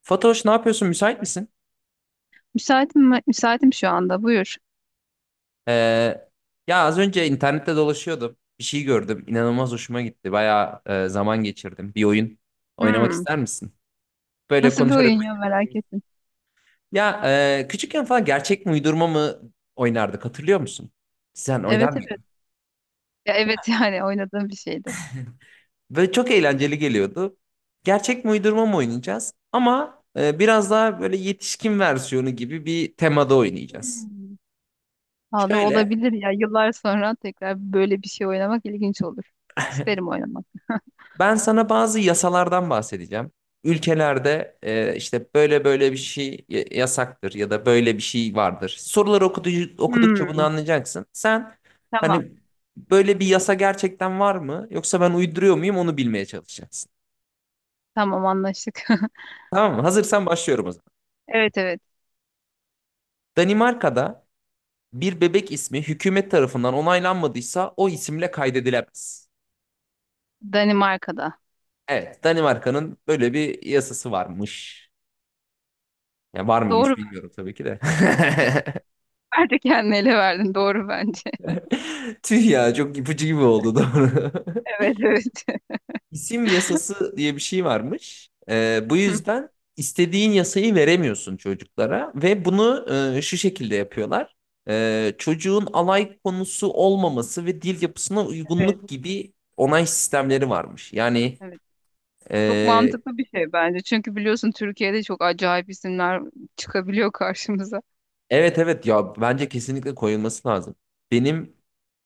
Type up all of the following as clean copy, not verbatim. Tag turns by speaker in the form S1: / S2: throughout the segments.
S1: Fatoş ne yapıyorsun? Müsait misin?
S2: Müsaitim, müsaitim şu anda. Buyur.
S1: Ee, ya az önce internette dolaşıyordum. Bir şey gördüm. İnanılmaz hoşuma gitti. Bayağı zaman geçirdim. Bir oyun oynamak
S2: Hmm.
S1: ister misin? Böyle
S2: Nasıl bir
S1: konuşarak
S2: oyun ya, merak
S1: oynayabileceğimiz.
S2: ettim.
S1: Ya küçükken falan gerçek mi uydurma mı oynardık hatırlıyor musun? Sen oynar
S2: Evet, evet.
S1: mıydın?
S2: Ya evet, yani oynadığım bir şeydi.
S1: Böyle çok eğlenceli geliyordu. Gerçek mi uydurma mı oynayacağız? Ama biraz daha böyle yetişkin versiyonu gibi bir temada oynayacağız.
S2: Hmm. Valla
S1: Şöyle.
S2: olabilir ya. Yıllar sonra tekrar böyle bir şey oynamak ilginç olur. İsterim oynamak.
S1: Ben sana bazı yasalardan bahsedeceğim. Ülkelerde işte böyle böyle bir şey yasaktır ya da böyle bir şey vardır. Soruları okudukça bunu
S2: Hmm.
S1: anlayacaksın. Sen
S2: Tamam.
S1: hani böyle bir yasa gerçekten var mı yoksa ben uyduruyor muyum onu bilmeye çalışacaksın.
S2: Tamam, anlaştık.
S1: Tamam mı? Hazırsan başlıyorum o zaman.
S2: Evet, evet.
S1: Danimarka'da bir bebek ismi hükümet tarafından onaylanmadıysa o isimle kaydedilemez.
S2: Danimarka'da.
S1: Evet, Danimarka'nın böyle bir yasası varmış. Ya var
S2: Doğru
S1: mıymış
S2: mu?
S1: bilmiyorum tabii ki de.
S2: Bence kendini ele verdin. Doğru bence.
S1: Tüh ya çok ipucu gibi oldu, doğru.
S2: Evet, evet.
S1: İsim yasası diye bir şey varmış. Bu yüzden istediğin yasayı veremiyorsun çocuklara ve bunu şu şekilde yapıyorlar. Çocuğun alay konusu olmaması ve dil yapısına
S2: Evet,
S1: uygunluk gibi onay sistemleri varmış. Yani
S2: evet. Çok
S1: e,
S2: mantıklı bir şey bence. Çünkü biliyorsun, Türkiye'de çok acayip isimler çıkabiliyor karşımıza.
S1: evet, evet, ya bence kesinlikle koyulması lazım. Benim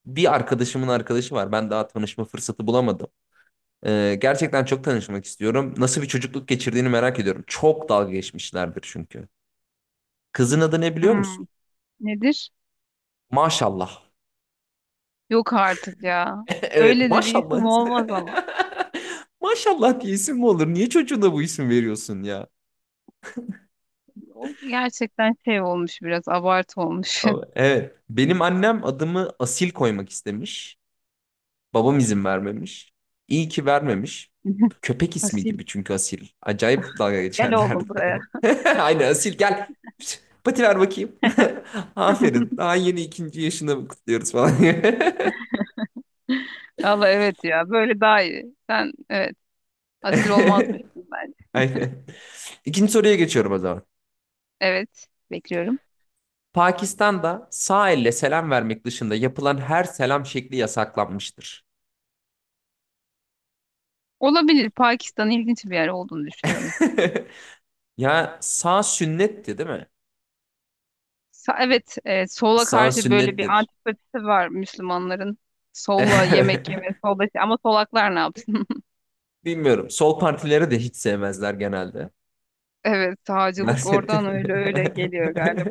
S1: bir arkadaşımın arkadaşı var. Ben daha tanışma fırsatı bulamadım. Gerçekten çok tanışmak istiyorum. Nasıl bir çocukluk geçirdiğini merak ediyorum. Çok dalga geçmişlerdir çünkü. Kızın adı ne biliyor
S2: Hmm.
S1: musun?
S2: Nedir?
S1: Maşallah.
S2: Yok artık ya.
S1: Evet,
S2: Öyle de bir
S1: maşallah.
S2: isim olmaz ama.
S1: Maşallah diye isim mi olur? Niye çocuğuna bu isim veriyorsun ya?
S2: O gerçekten şey olmuş, biraz abartı olmuş.
S1: Evet. Benim annem adımı Asil koymak istemiş. Babam izin vermemiş. İyi ki vermemiş. Köpek ismi
S2: Asil,
S1: gibi çünkü Asil. Acayip dalga
S2: gel
S1: geçerlerdi.
S2: oğlum buraya.
S1: Aynen, Asil gel. Pati ver bakayım. Aferin. Daha yeni ikinci yaşını kutluyoruz falan.
S2: Valla evet ya, böyle daha iyi. Sen evet, asil olmazmışsın bence.
S1: Aynen. İkinci soruya geçiyorum o zaman.
S2: Evet, bekliyorum.
S1: Pakistan'da sağ elle selam vermek dışında yapılan her selam şekli yasaklanmıştır.
S2: Olabilir, Pakistan ilginç bir yer olduğunu düşünüyorum.
S1: Ya sağ sünnetti, değil mi?
S2: Evet, sola
S1: Sağ
S2: karşı böyle bir
S1: sünnettir.
S2: antipatisi var Müslümanların. Solla yemek yeme, solda, ama solaklar ne yapsın?
S1: Bilmiyorum. Sol partileri de hiç sevmezler genelde.
S2: Evet, sağcılık
S1: Siyaset.
S2: oradan öyle öyle geliyor galiba.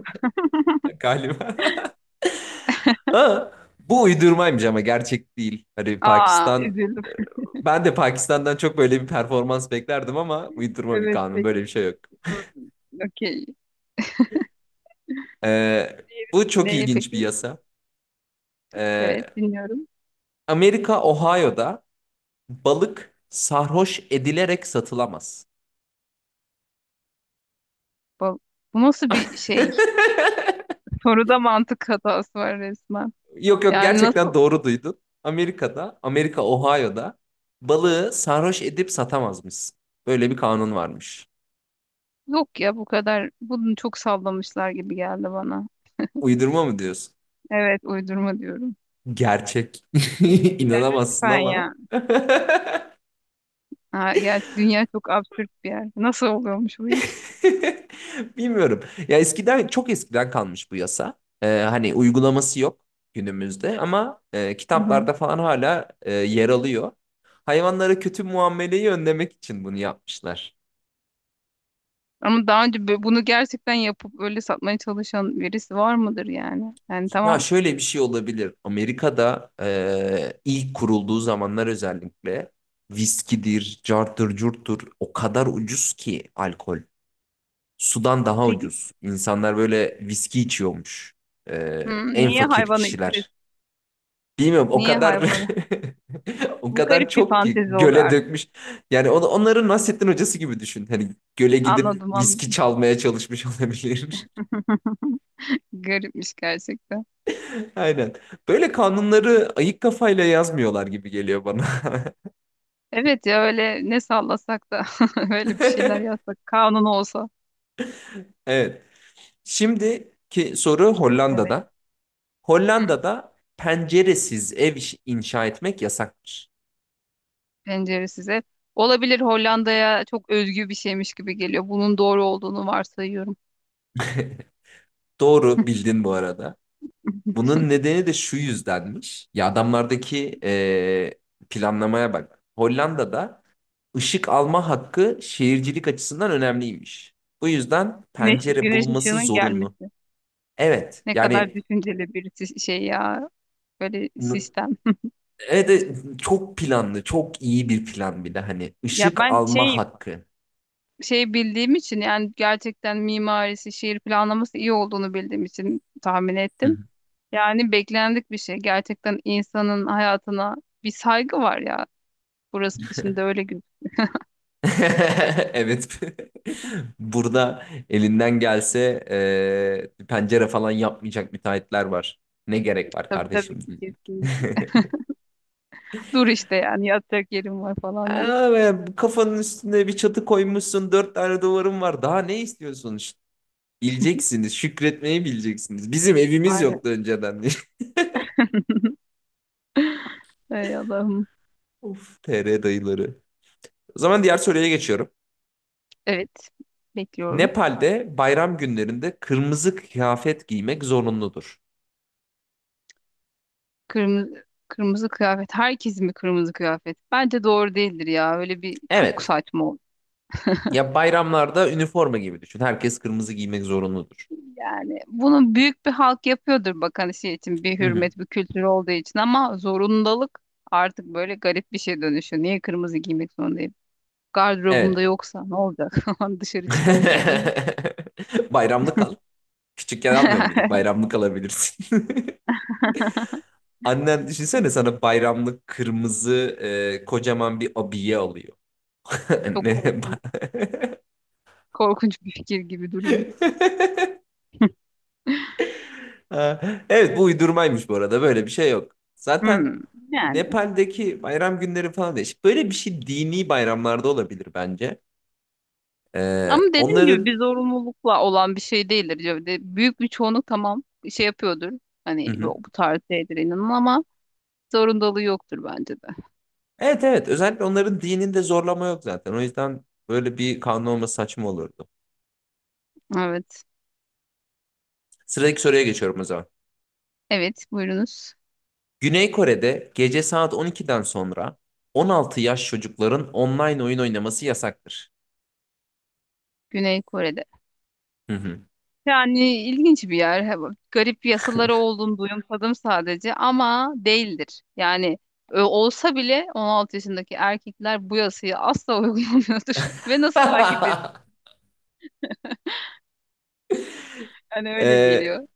S1: Galiba. Aa, bu uydurmaymış, ama gerçek değil. Hani
S2: Aa,
S1: Pakistan,
S2: üzüldüm.
S1: ben de Pakistan'dan çok böyle bir performans beklerdim ama uydurma bir
S2: Evet,
S1: kanun. Böyle bir
S2: peki.
S1: şey yok.
S2: Hmm. Okey.
S1: Ee,
S2: Diğeri
S1: bu çok
S2: neye
S1: ilginç bir
S2: peki?
S1: yasa.
S2: Evet,
S1: Ee,
S2: dinliyorum.
S1: Amerika, Ohio'da balık sarhoş edilerek satılamaz.
S2: Bu, bu nasıl bir şey? Soruda mantık hatası var resmen.
S1: Yok, yok,
S2: Yani
S1: gerçekten
S2: nasıl?
S1: doğru duydun. Amerika Ohio'da balığı sarhoş edip satamazmış. Böyle bir kanun varmış.
S2: Yok ya, bu kadar. Bunu çok sallamışlar gibi geldi bana.
S1: Uydurma mı diyorsun?
S2: Evet, uydurma diyorum.
S1: Gerçek.
S2: Ya
S1: İnanamazsın
S2: lütfen
S1: ama.
S2: ya. Ha, ya dünya çok absürt bir yer. Nasıl oluyormuş bu iş?
S1: Bilmiyorum. Ya eskiden, çok eskiden kalmış bu yasa. Hani uygulaması yok günümüzde ama
S2: Hı hı.
S1: kitaplarda falan hala yer alıyor. Hayvanlara kötü muameleyi önlemek için bunu yapmışlar.
S2: Ama daha önce bunu gerçekten yapıp öyle satmaya çalışan birisi var mıdır yani? Yani
S1: Ya
S2: tamam.
S1: şöyle bir şey olabilir. Amerika'da ilk kurulduğu zamanlar özellikle viskidir, carttır, curttur, o kadar ucuz ki alkol. Sudan daha
S2: Peki,
S1: ucuz. İnsanlar böyle viski içiyormuş.
S2: hı,
S1: En
S2: niye
S1: fakir
S2: hayvanı itir
S1: kişiler. Bilmiyorum, o
S2: Niye
S1: kadar
S2: hayvanı?
S1: o
S2: Bu
S1: kadar
S2: garip bir
S1: çok ki
S2: fantezi oluyor
S1: göle
S2: artık.
S1: dökmüş. Yani onların Nasrettin Hocası gibi düşün. Hani göle gidip
S2: Anladım,
S1: viski
S2: anladım.
S1: çalmaya çalışmış olabilir.
S2: Garipmiş gerçekten.
S1: Aynen. Böyle kanunları ayık kafayla yazmıyorlar gibi geliyor bana.
S2: Evet ya, öyle ne sallasak da öyle bir şeyler yazsak kanun olsa.
S1: Evet. Şimdiki soru
S2: Evet.
S1: Hollanda'da.
S2: Hı.
S1: Hollanda'da penceresiz ev inşa etmek yasaktır.
S2: Penceresiz ev. Olabilir, Hollanda'ya çok özgü bir şeymiş gibi geliyor. Bunun doğru olduğunu varsayıyorum.
S1: Doğru bildin bu arada. Bunun nedeni de şu yüzdenmiş. Ya adamlardaki planlamaya bak. Hollanda'da ışık alma hakkı şehircilik açısından önemliymiş. Bu yüzden
S2: Güneş,
S1: pencere
S2: güneş
S1: bulunması
S2: ışığının
S1: zorunlu.
S2: gelmesi.
S1: Evet,
S2: Ne kadar
S1: yani
S2: düşünceli bir şey ya. Böyle sistem.
S1: evet, evet, çok planlı, çok iyi bir plan, bir de hani
S2: Ya
S1: ışık
S2: ben
S1: alma
S2: şey
S1: hakkı.
S2: şey bildiğim için, yani gerçekten mimarisi, şehir planlaması iyi olduğunu bildiğim için tahmin
S1: Hı.
S2: ettim. Yani beklendik bir şey. Gerçekten insanın hayatına bir saygı var ya. Burası dışında öyle gözüküyor.
S1: Evet. Burada elinden gelse pencere falan yapmayacak müteahhitler var. Ne gerek var
S2: Tabii,
S1: kardeşim?
S2: tabii ki,
S1: Diyecek.
S2: kesinlikle. Dur işte, yani yatacak yerim var falan diye.
S1: Aa, be, kafanın üstüne bir çatı koymuşsun, dört tane duvarın var. Daha ne istiyorsun? Bileceksiniz, şükretmeyi bileceksiniz. Bizim evimiz yoktu
S2: Aynen.
S1: önceden.
S2: Ey Allah'ım.
S1: Of, TR dayıları. O zaman diğer soruya geçiyorum.
S2: Evet. Bekliyorum.
S1: Nepal'de bayram günlerinde kırmızı kıyafet giymek zorunludur.
S2: Kırmızı kırmızı kıyafet. Herkes mi kırmızı kıyafet? Bence doğru değildir ya. Öyle bir çok
S1: Evet.
S2: saçma.
S1: Ya bayramlarda üniforma gibi düşün. Herkes kırmızı giymek zorunludur.
S2: Yani bunu büyük bir halk yapıyordur bak, hani şey için, bir
S1: Hı hı.
S2: hürmet, bir kültür olduğu için, ama zorundalık artık böyle garip bir şey dönüşüyor. Niye kırmızı giymek zorundayım? Gardırobumda
S1: Evet.
S2: yoksa ne olacak? Dışarı çıkamayacak mıyım?
S1: Bayramlık al. Küçükken almıyor muyduk? Bayramlık alabilirsin. Annen düşünsene sana bayramlık kırmızı kocaman bir abiye alıyor.
S2: Çok
S1: Ne?
S2: korkunç, korkunç bir fikir gibi duruyor.
S1: Ha, evet, bu uydurmaymış bu arada, böyle bir şey yok.
S2: Hmm,
S1: Zaten
S2: yani.
S1: Nepal'deki bayram günleri falan değişik. Böyle bir şey dini bayramlarda olabilir bence.
S2: Ama
S1: Ee,
S2: dediğim gibi,
S1: onların
S2: bir zorunlulukla olan bir şey değildir. Büyük bir çoğunluk tamam şey yapıyordur.
S1: hı
S2: Hani
S1: hı.
S2: bu tarz şeydir inanın, ama zorundalığı yoktur bence de.
S1: Evet, evet, özellikle onların dininde zorlama yok zaten. O yüzden böyle bir kanun olması saçma olurdu.
S2: Evet.
S1: Sıradaki soruya geçiyorum o zaman.
S2: Evet, buyurunuz.
S1: Güney Kore'de gece saat 12'den sonra 16 yaş çocukların online oyun oynaması yasaktır.
S2: Güney Kore'de.
S1: Hı hı.
S2: Yani ilginç bir yer. Garip yasaları olduğunu duyumsadım sadece, ama değildir. Yani olsa bile 16 yaşındaki erkekler bu yasayı asla uygulamıyordur. Ve nasıl takip ediyor? Hani öyle
S1: Ee,
S2: geliyor.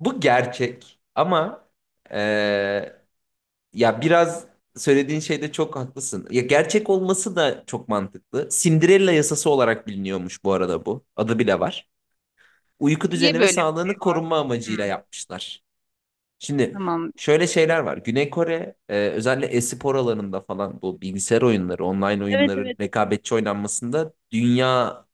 S1: bu gerçek ama ee, ya biraz söylediğin şeyde çok haklısın. Ya gerçek olması da çok mantıklı. Cinderella yasası olarak biliniyormuş bu arada bu. Adı bile var. Uyku
S2: Niye
S1: düzeni ve
S2: böyle bir şey
S1: sağlığını
S2: var?
S1: korunma amacıyla
S2: Hmm,
S1: yapmışlar. Şimdi
S2: tamam.
S1: şöyle şeyler var. Güney Kore özellikle e-spor alanında falan bu bilgisayar oyunları, online
S2: Evet,
S1: oyunların
S2: evet.
S1: rekabetçi oynanmasında dünyanın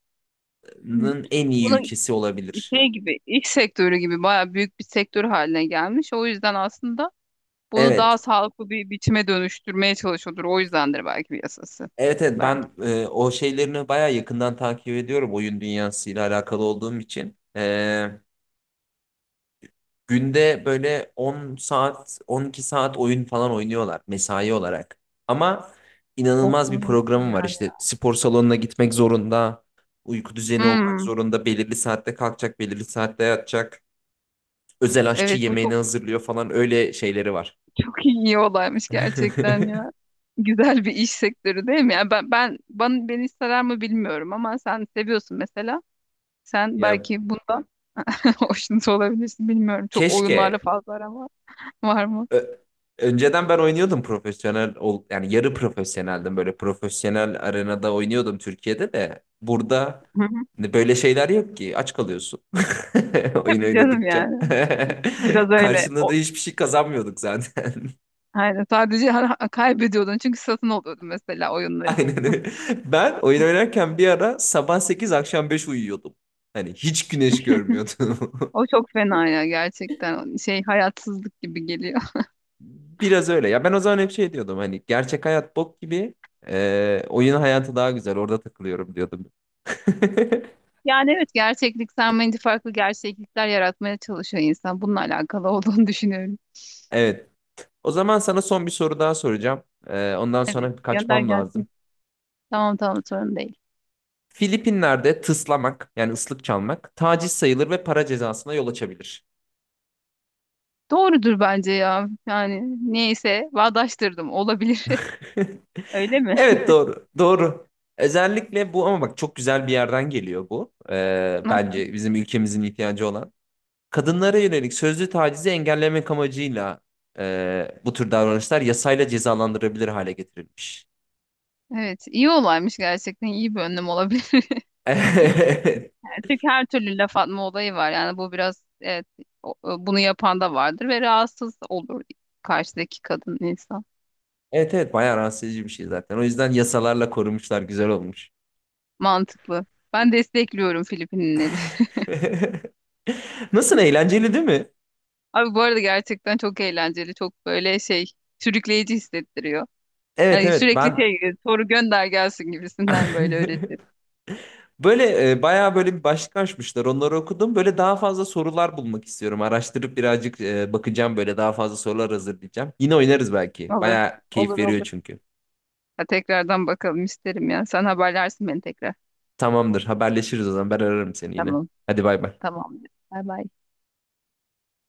S2: Hmm.
S1: en iyi
S2: Bunun
S1: ülkesi olabilir.
S2: şey gibi, iş sektörü gibi bayağı büyük bir sektör haline gelmiş. O yüzden aslında bunu daha
S1: Evet.
S2: sağlıklı bir biçime dönüştürmeye çalışıyordur. O yüzdendir belki bir yasası.
S1: Evet, evet, ben
S2: Belki.
S1: o şeylerini bayağı yakından takip ediyorum, oyun dünyasıyla alakalı olduğum için. Günde böyle 10 saat, 12 saat oyun falan oynuyorlar mesai olarak. Ama
S2: Çok
S1: inanılmaz bir
S2: uzun
S1: programı var.
S2: süreler.
S1: İşte spor salonuna gitmek zorunda, uyku düzeni olmak
S2: Hmm,
S1: zorunda, belirli saatte kalkacak, belirli saatte yatacak. Özel aşçı
S2: evet, bu
S1: yemeğini
S2: çok
S1: hazırlıyor falan, öyle şeyleri var.
S2: çok iyi olaymış gerçekten ya. Güzel bir iş sektörü değil mi? Yani ben bana beni sarar mı bilmiyorum, ama sen seviyorsun mesela. Sen
S1: Ya
S2: belki bundan hoşnut olabilirsin, bilmiyorum. Çok oyunlarla
S1: keşke
S2: fazla aram var, var mı?
S1: Ö- önceden ben oynuyordum, profesyonel ol yani yarı profesyoneldim, böyle profesyonel arenada oynuyordum Türkiye'de. De burada
S2: Hı hı.
S1: böyle şeyler yok ki, aç kalıyorsun oyun
S2: Tabii canım,
S1: oynadıkça
S2: yani. Biraz öyle.
S1: karşında da
S2: O,
S1: hiçbir şey kazanmıyorduk zaten.
S2: yani sadece kaybediyordun, çünkü satın alıyordun mesela oyunları.
S1: Aynen öyle. Ben oyun oynarken bir ara sabah 8 akşam 5 uyuyordum, hani hiç güneş görmüyordum.
S2: O çok fena ya, gerçekten. Şey, hayatsızlık gibi geliyor.
S1: Biraz öyle ya, ben o zaman hep şey diyordum, hani gerçek hayat bok gibi, oyun hayatı daha güzel, orada takılıyorum diyordum.
S2: Yani evet, gerçeklik sanmayınca farklı gerçeklikler yaratmaya çalışıyor insan. Bununla alakalı olduğunu düşünüyorum.
S1: Evet. O zaman sana son bir soru daha soracağım. Ondan
S2: Evet,
S1: sonra
S2: gönder
S1: kaçmam
S2: gelsin.
S1: lazım.
S2: Tamam, tamam, sorun değil.
S1: Filipinler'de tıslamak yani ıslık çalmak taciz sayılır ve para cezasına yol açabilir.
S2: Doğrudur bence ya. Yani neyse, bağdaştırdım, olabilir. Öyle mi?
S1: Evet, doğru. Doğru. Özellikle bu, ama bak çok güzel bir yerden geliyor bu.
S2: Nasıl?
S1: Bence bizim ülkemizin ihtiyacı olan. Kadınlara yönelik sözlü tacizi engellemek amacıyla bu tür davranışlar yasayla cezalandırabilir hale getirilmiş.
S2: Evet, iyi olaymış gerçekten, iyi bir önlem olabilir. Çünkü her türlü laf atma olayı var. Yani bu biraz evet, bunu yapan da vardır ve rahatsız olur karşıdaki kadın insan.
S1: Evet, evet, bayağı rahatsız edici bir şey zaten. O yüzden yasalarla korumuşlar, güzel olmuş.
S2: Mantıklı. Ben destekliyorum Filipinleri.
S1: Nasıl, eğlenceli değil mi?
S2: Abi bu arada gerçekten çok eğlenceli, çok böyle şey, sürükleyici hissettiriyor.
S1: Evet,
S2: Yani
S1: evet,
S2: sürekli
S1: ben
S2: şey, soru gönder gelsin gibisinden, böyle öyle hisset.
S1: böyle bayağı böyle bir başlık açmışlar. Onları okudum. Böyle daha fazla sorular bulmak istiyorum. Araştırıp birazcık bakacağım, böyle daha fazla sorular hazırlayacağım. Yine oynarız belki.
S2: Olur,
S1: Bayağı keyif
S2: olur,
S1: veriyor
S2: olur.
S1: çünkü.
S2: Ha, tekrardan bakalım, isterim ya. Sen haberlersin beni tekrar.
S1: Tamamdır, haberleşiriz o zaman, ben ararım seni yine.
S2: Tamam,
S1: Hadi bay bay.
S2: tamamdır. Bay bay.